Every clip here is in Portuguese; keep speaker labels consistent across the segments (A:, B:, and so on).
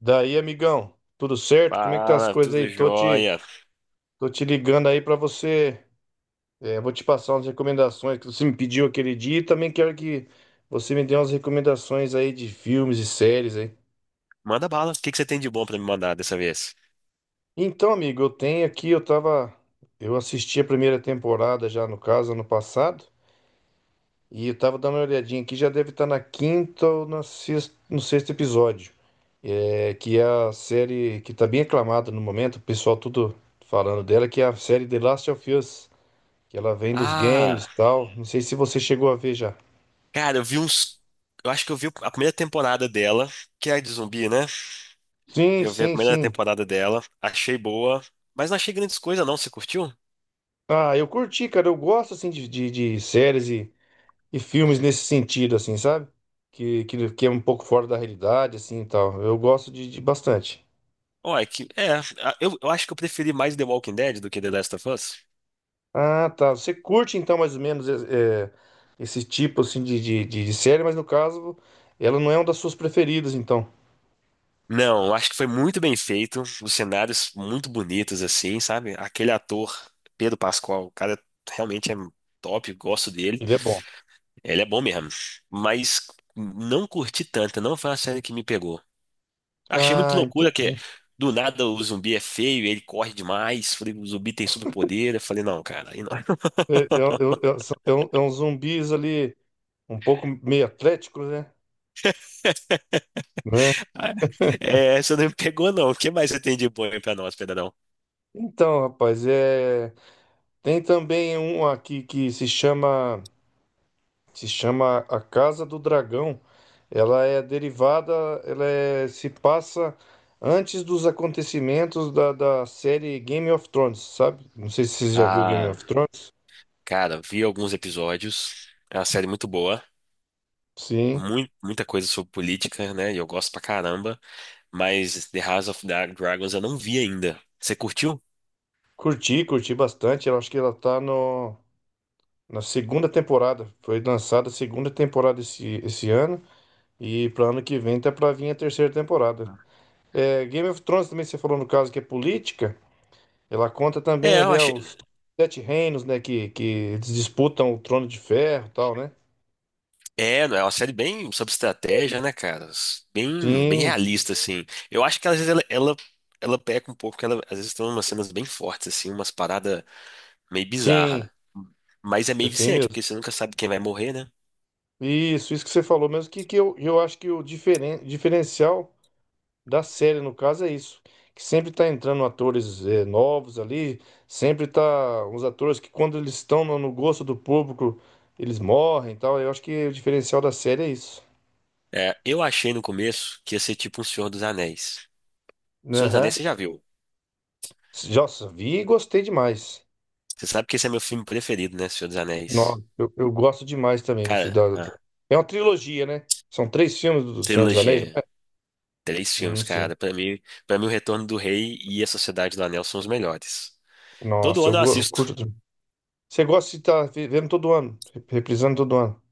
A: Daí, amigão, tudo certo? Como é que tá as
B: Fala,
A: coisas aí?
B: tudo
A: Tô te,
B: jóia.
A: tô te ligando aí pra você. Vou te passar umas recomendações que você me pediu aquele dia e também quero que você me dê umas recomendações aí de filmes e séries aí.
B: Manda bala. O que você tem de bom pra me mandar dessa vez?
A: Então, amigo, eu tenho aqui, eu assisti a primeira temporada já no caso ano passado. E eu tava dando uma olhadinha aqui, já deve estar na quinta ou na sexta, no sexto episódio. É que é a série que tá bem aclamada no momento, o pessoal tudo falando dela, que é a série The Last of Us, que ela vem dos games
B: Ah,
A: e tal. Não sei se você chegou a ver já.
B: cara, eu vi uns. Eu acho que eu vi a primeira temporada dela, que é de zumbi, né?
A: Sim,
B: Eu vi a
A: sim,
B: primeira
A: sim.
B: temporada dela, achei boa, mas não achei grandes coisas, não. Você curtiu?
A: Ah, eu curti, cara. Eu gosto assim de séries e filmes nesse sentido, assim, sabe? Que é um pouco fora da realidade, assim e tal. Eu gosto de bastante.
B: Ó, é que. Eu acho que eu preferi mais The Walking Dead do que The Last of Us.
A: Ah, tá. Você curte então mais ou menos esse tipo assim de série, mas no caso ela não é uma das suas preferidas, então.
B: Não, eu acho que foi muito bem feito. Os cenários muito bonitos, assim, sabe? Aquele ator, Pedro Pascal, o cara realmente é top, gosto dele.
A: Ele é bom.
B: Ele é bom mesmo. Mas não curti tanto, não foi uma série que me pegou. Achei muito
A: Ah,
B: loucura que
A: entendi.
B: do nada o zumbi é feio, ele corre demais. Falei, o zumbi tem superpoder. Eu falei, não, cara, aí não.
A: É uns zumbis ali um pouco meio atléticos, né? Né?
B: É, essa não me pegou, não. O que mais você tem de bom aí pra nós, Pedrão?
A: Então, rapaz, é... tem também um aqui que se chama. Se chama A Casa do Dragão. Ela é derivada, se passa antes dos acontecimentos da série Game of Thrones, sabe? Não sei se você já viu Game
B: Ah,
A: of Thrones.
B: cara, vi alguns episódios. É uma série muito boa.
A: Sim.
B: Muito, muita coisa sobre política, né? E eu gosto pra caramba. Mas The House of Dragons eu não vi ainda. Você curtiu?
A: Curti, curti bastante. Eu acho que ela tá no, na segunda temporada. Foi lançada a segunda temporada esse ano. E para ano que vem tá pra vir a terceira temporada. É, Game of Thrones também você falou no caso que é política. Ela conta
B: É,
A: também
B: eu
A: ali
B: achei.
A: aos sete reinos, né? Que eles disputam o trono de ferro e tal, né?
B: É, é uma série bem sobre estratégia, né, cara? Bem, bem
A: Sim,
B: realista, assim. Eu acho que às vezes ela peca um pouco, porque ela, às vezes tem umas cenas bem fortes, assim, umas paradas meio
A: sim,
B: bizarras. Mas é meio
A: tem
B: viciante,
A: mesmo.
B: porque você nunca sabe quem vai morrer, né?
A: Isso que você falou mesmo, que eu acho que o diferencial da série, no caso, é isso. Que sempre tá entrando atores eh, novos ali, sempre tá uns atores que quando eles estão no gosto do público, eles morrem e tal. Eu acho que o diferencial da série é isso.
B: É, eu achei no começo que ia ser tipo um Senhor dos Anéis. Senhor dos Anéis
A: Aham.
B: você já viu.
A: Nossa, vi e gostei demais.
B: Você sabe que esse é meu filme preferido, né? Senhor dos Anéis.
A: Nossa, eu gosto demais também do
B: Cara,
A: Cidade.
B: a
A: É uma trilogia, né? São três filmes do Senhor dos Anéis, não é?
B: trilogia. Três filmes,
A: Sim.
B: cara. Para mim, O Retorno do Rei e A Sociedade do Anel são os melhores. Todo
A: Nossa, eu,
B: ano eu
A: go- eu
B: assisto.
A: curto. De- Você gosta de estar vendo todo ano, reprisando todo ano.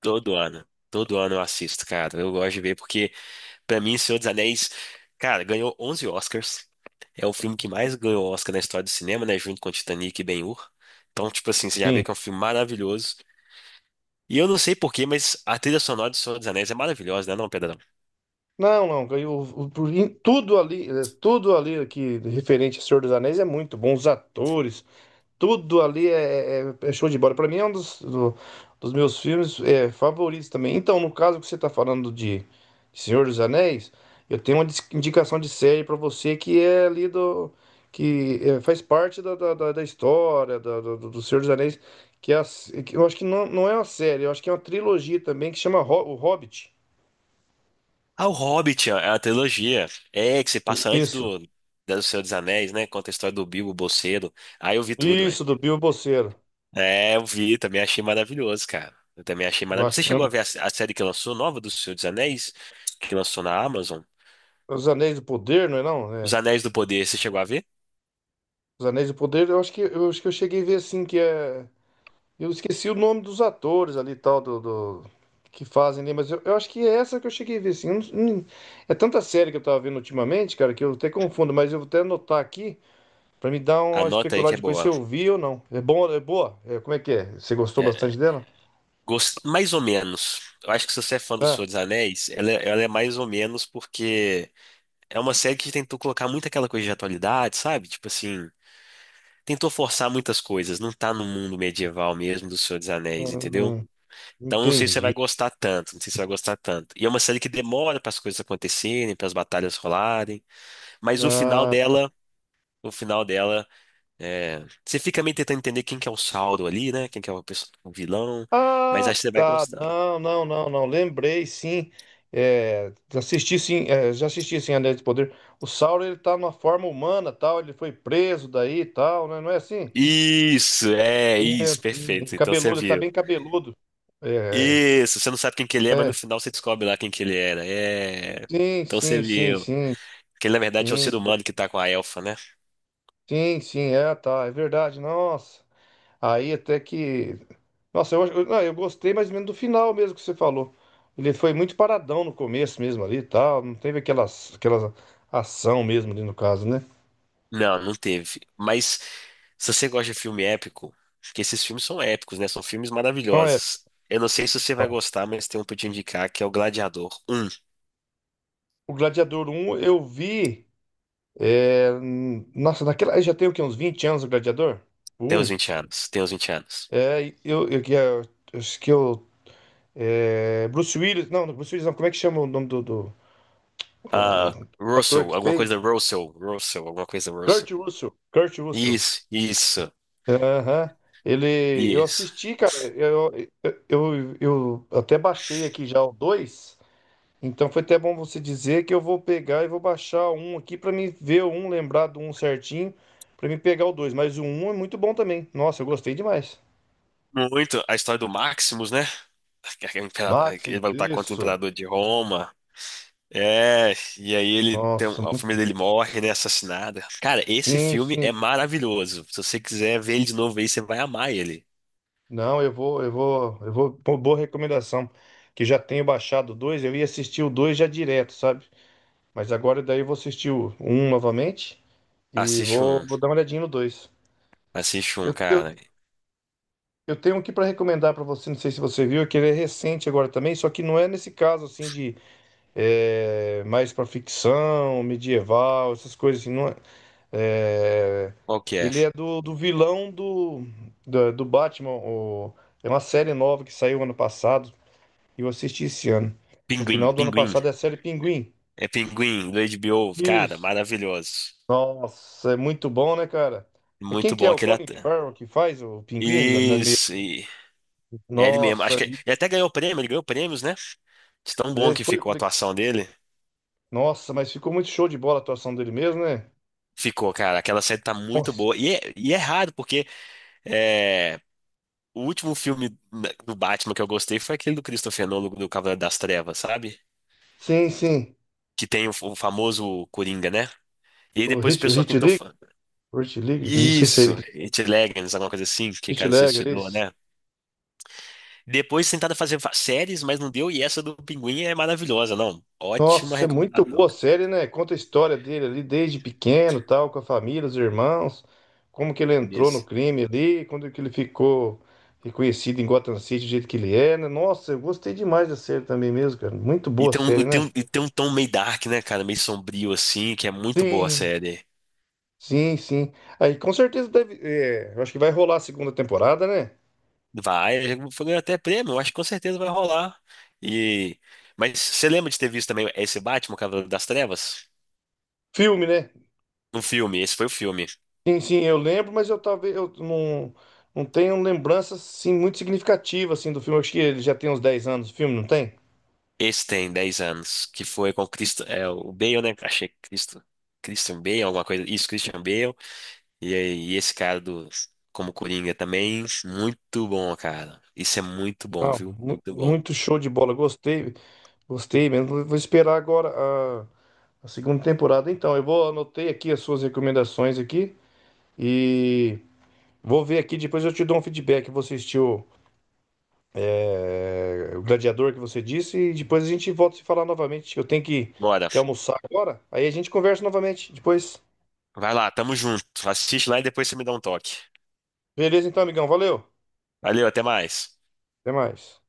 B: Todo ano. Todo ano eu assisto, cara. Eu gosto de ver porque, pra mim, Senhor dos Anéis, cara, ganhou 11 Oscars. É o filme que mais ganhou Oscar na história do cinema, né? Junto com Titanic e Ben-Hur. Então, tipo assim, você já vê
A: Sim.
B: que é um filme maravilhoso. E eu não sei porquê, mas a trilha sonora de Senhor dos Anéis é maravilhosa, né, não, Pedrão?
A: Não, não. Em tudo ali, eh, tudo ali que referente a Senhor dos Anéis é muito bom. Os atores, tudo ali é show de bola. Pra mim é um dos meus filmes é favoritos também. Então, no caso que você tá falando de Senhor dos Anéis, eu tenho uma indicação de série pra você que é ali do. Que é, faz parte da história do Senhor dos Anéis, que, é a s- que eu acho que não, não é uma série, eu acho que é uma trilogia também que chama O Hobbit.
B: Ah, o Hobbit, a trilogia, é que se passa antes
A: Isso,
B: do Senhor dos Anéis, né? Conta a história do Bilbo Bolseiro. Aí eu vi tudo, velho.
A: isso, do Bilbo Bolseiro.
B: É, eu vi, também achei maravilhoso, cara. Eu também achei maravilhoso. Você chegou
A: Bacana.
B: a ver a série que lançou, nova do Senhor dos Anéis, que lançou na Amazon?
A: Os Anéis do Poder, não é não?
B: Os
A: É.
B: Anéis do Poder, você chegou a ver?
A: Os Anéis do Poder, eu acho que eu cheguei a ver assim que é. Eu esqueci o nome dos atores ali, e tal, que fazem ali, mas eu acho que é essa que eu cheguei a ver, assim. Eu não- não- é tanta série que eu tava vendo ultimamente, cara, que eu até confundo, mas eu vou até anotar aqui pra me dar uma
B: Anota aí que
A: especulada
B: é
A: depois se
B: boa.
A: eu vi ou não. É bom, é boa? É, como é que é? Você gostou
B: É,
A: bastante dela?
B: mais ou menos. Eu acho que se você é fã do
A: Ah,
B: Senhor dos Anéis, ela é mais ou menos porque é uma série que tentou colocar muito aquela coisa de atualidade, sabe? Tipo assim, tentou forçar muitas coisas. Não tá no mundo medieval mesmo do Senhor dos Anéis, entendeu?
A: hum,
B: Então não sei se você vai
A: entendi.
B: gostar tanto, não sei se você vai gostar tanto. E é uma série que demora para as coisas acontecerem, para as batalhas rolarem, mas o final
A: Ah,
B: dela, o final dela, é... você fica meio tentando entender quem que é o Sauron ali, né? Quem que é o vilão, mas
A: ah,
B: acho que você vai
A: tá.
B: gostar.
A: Não, não, não, não. Lembrei, sim. É, assisti, sim. É, já assisti, sim, Anéis de Poder. O Sauron, ele tá numa forma humana, tal. Ele foi preso daí, tal, né? Não é assim?
B: Isso, é
A: É,
B: isso,
A: sim. Ele
B: perfeito. Então você
A: cabeludo, ele tá
B: viu.
A: bem cabeludo. É,
B: Isso, você não sabe quem que ele é, mas
A: é.
B: no final você descobre lá quem que ele era. É.
A: Sim,
B: Então você
A: sim, sim,
B: viu.
A: sim.
B: Que ele, na verdade, é o ser
A: Sim,
B: humano que tá com a elfa, né?
A: sim, sim. É, tá. É verdade. Nossa. Aí até que... Nossa, eu, acho- eu, ah, eu gostei mais ou menos do final mesmo que você falou. Ele foi muito paradão no começo mesmo ali e tal. Não teve aquelas ação mesmo ali no caso, né?
B: Não, não teve. Mas se você gosta de filme épico, porque esses filmes são épicos, né? São filmes
A: Então é,
B: maravilhosos. Eu não sei se você vai gostar, mas tem um pra eu te indicar que é o Gladiador um.
A: o Gladiador um eu vi. É, nossa, naquela. Aí já tem o quê? Uns 20 anos o Gladiador? O
B: Tem uns
A: um.
B: 20 anos. Tem uns 20 anos.
A: É, e eu, que é- eu, acho que eu. Bruce Willis. Não, não, Bruce Willis não. Como é que chama o nome o
B: Ah,
A: ator
B: Russell,
A: que
B: alguma
A: fez?
B: coisa Russell. Russell, alguma coisa
A: Kurt
B: Russell.
A: Russell. Kurt Russell.
B: Isso, isso,
A: Aham. Ele, eu
B: isso.
A: assisti, cara. Eu até baixei aqui já o 2. Então foi até bom você dizer que eu vou pegar e vou baixar um aqui pra me ver o um, lembrar do um certinho, pra me pegar o dois. Mas o um é muito bom também. Nossa, eu gostei demais.
B: Muito. A história do Maximus, né? Ele
A: Máximo,
B: vai lutar contra o
A: isso.
B: imperador de Roma. É, e aí ele tem,
A: Nossa,
B: a família dele morre, né, assassinada. Cara, esse
A: sim,
B: filme é
A: sim.
B: maravilhoso. Se você quiser ver ele de novo aí, você vai amar ele.
A: Não, eu vou, eu vou, eu vou. Pô, boa recomendação. Que já tenho baixado o dois. Eu ia assistir o dois já direto, sabe? Mas agora daí eu vou assistir o um novamente. E
B: Assiste
A: vou,
B: um,
A: vou dar uma olhadinha no dois.
B: assiste um,
A: Eu, eu,
B: cara.
A: eu tenho aqui para recomendar para você, não sei se você viu, é que ele é recente agora também, só que não é nesse caso assim de é, mais para ficção, medieval, essas coisas assim, não é. É,
B: Qual que é?
A: ele é do vilão Batman, é uma série nova que saiu ano passado e eu assisti esse ano. No
B: Pinguim,
A: final do ano
B: Pinguim.
A: passado é a série Pinguim.
B: É Pinguim, do HBO. Cara,
A: Isso.
B: maravilhoso.
A: Nossa, é muito bom, né, cara? Quem
B: Muito
A: que
B: bom
A: é? O
B: aquele
A: Colin
B: ator.
A: Farrell que faz o Pinguim na, na
B: Isso, e é ele mesmo. Acho
A: Nossa,
B: que ele até ganhou prêmio, ele ganhou prêmios, né? De tão bom
A: é,
B: que
A: foi,
B: ficou a atuação dele.
A: nossa, mas ficou muito show de bola a atuação dele mesmo, né?
B: Ficou, cara. Aquela série tá muito
A: Nossa.
B: boa. E é raro, porque é, o último filme do Batman que eu gostei foi aquele do Christopher Nolan, do Cavaleiro das Trevas, sabe?
A: Sim, sim.
B: Que tem o famoso Coringa, né? E aí
A: O
B: depois o
A: Hit, o
B: pessoal
A: Hit
B: tentou.
A: League,
B: fa-
A: o Hit League, não sei se é ele.
B: Isso!
A: Que-
B: It Legends, alguma coisa assim, que
A: Hit
B: cara se
A: League, é
B: suicidou,
A: isso.
B: né? Depois tentaram fazer séries, mas não deu. E essa do Pinguim é maravilhosa, não. Ótima
A: Nossa, é muito boa
B: recomendação,
A: a
B: cara.
A: série, né? Conta a história dele ali desde pequeno, tal, com a família, os irmãos, como que ele entrou no
B: Isso.
A: crime ali, quando que ele ficou reconhecido em Gotham City do jeito que ele é, né? Nossa, eu gostei demais da série também mesmo, cara. Muito
B: E
A: boa a
B: tem um,
A: série,
B: e tem
A: né?
B: um, e tem um tom meio dark, né, cara? Meio sombrio, assim, que é muito boa a
A: Sim.
B: série.
A: Sim, sim. Aí com certeza deve. É, eu acho que vai rolar a segunda temporada, né?
B: Vai, já foi até prêmio, eu acho que com certeza vai rolar. E mas você lembra de ter visto também esse Batman, o Cavaleiro das Trevas?
A: Filme, né?
B: Um filme, esse foi o filme.
A: Sim, sim, eu lembro, mas eu talvez eu não, não tenho lembranças assim, muito significativas assim, do filme. Eu acho que ele já tem uns 10 anos, o filme, não tem?
B: Esse tem 10 anos, que foi com Cristo, é o Bale, né? Achei que Cristo, Christian Bale, alguma coisa. Isso, Christian Bale. E, aí, e esse cara do como Coringa também, muito bom, cara. Isso é muito bom,
A: Não,
B: viu? Muito bom.
A: muito show de bola. Gostei, gostei mesmo. Vou esperar agora a, a segunda temporada. Então, eu vou anotei aqui as suas recomendações aqui e vou ver aqui, depois eu te dou um feedback. Você assistiu é, o gladiador que você disse, e depois a gente volta a se falar novamente. Eu tenho
B: Bora.
A: que almoçar agora, aí a gente conversa novamente depois.
B: Vai lá, tamo junto. Assiste lá e depois você me dá um toque.
A: Beleza, então, amigão, valeu.
B: Valeu, até mais.
A: Até mais.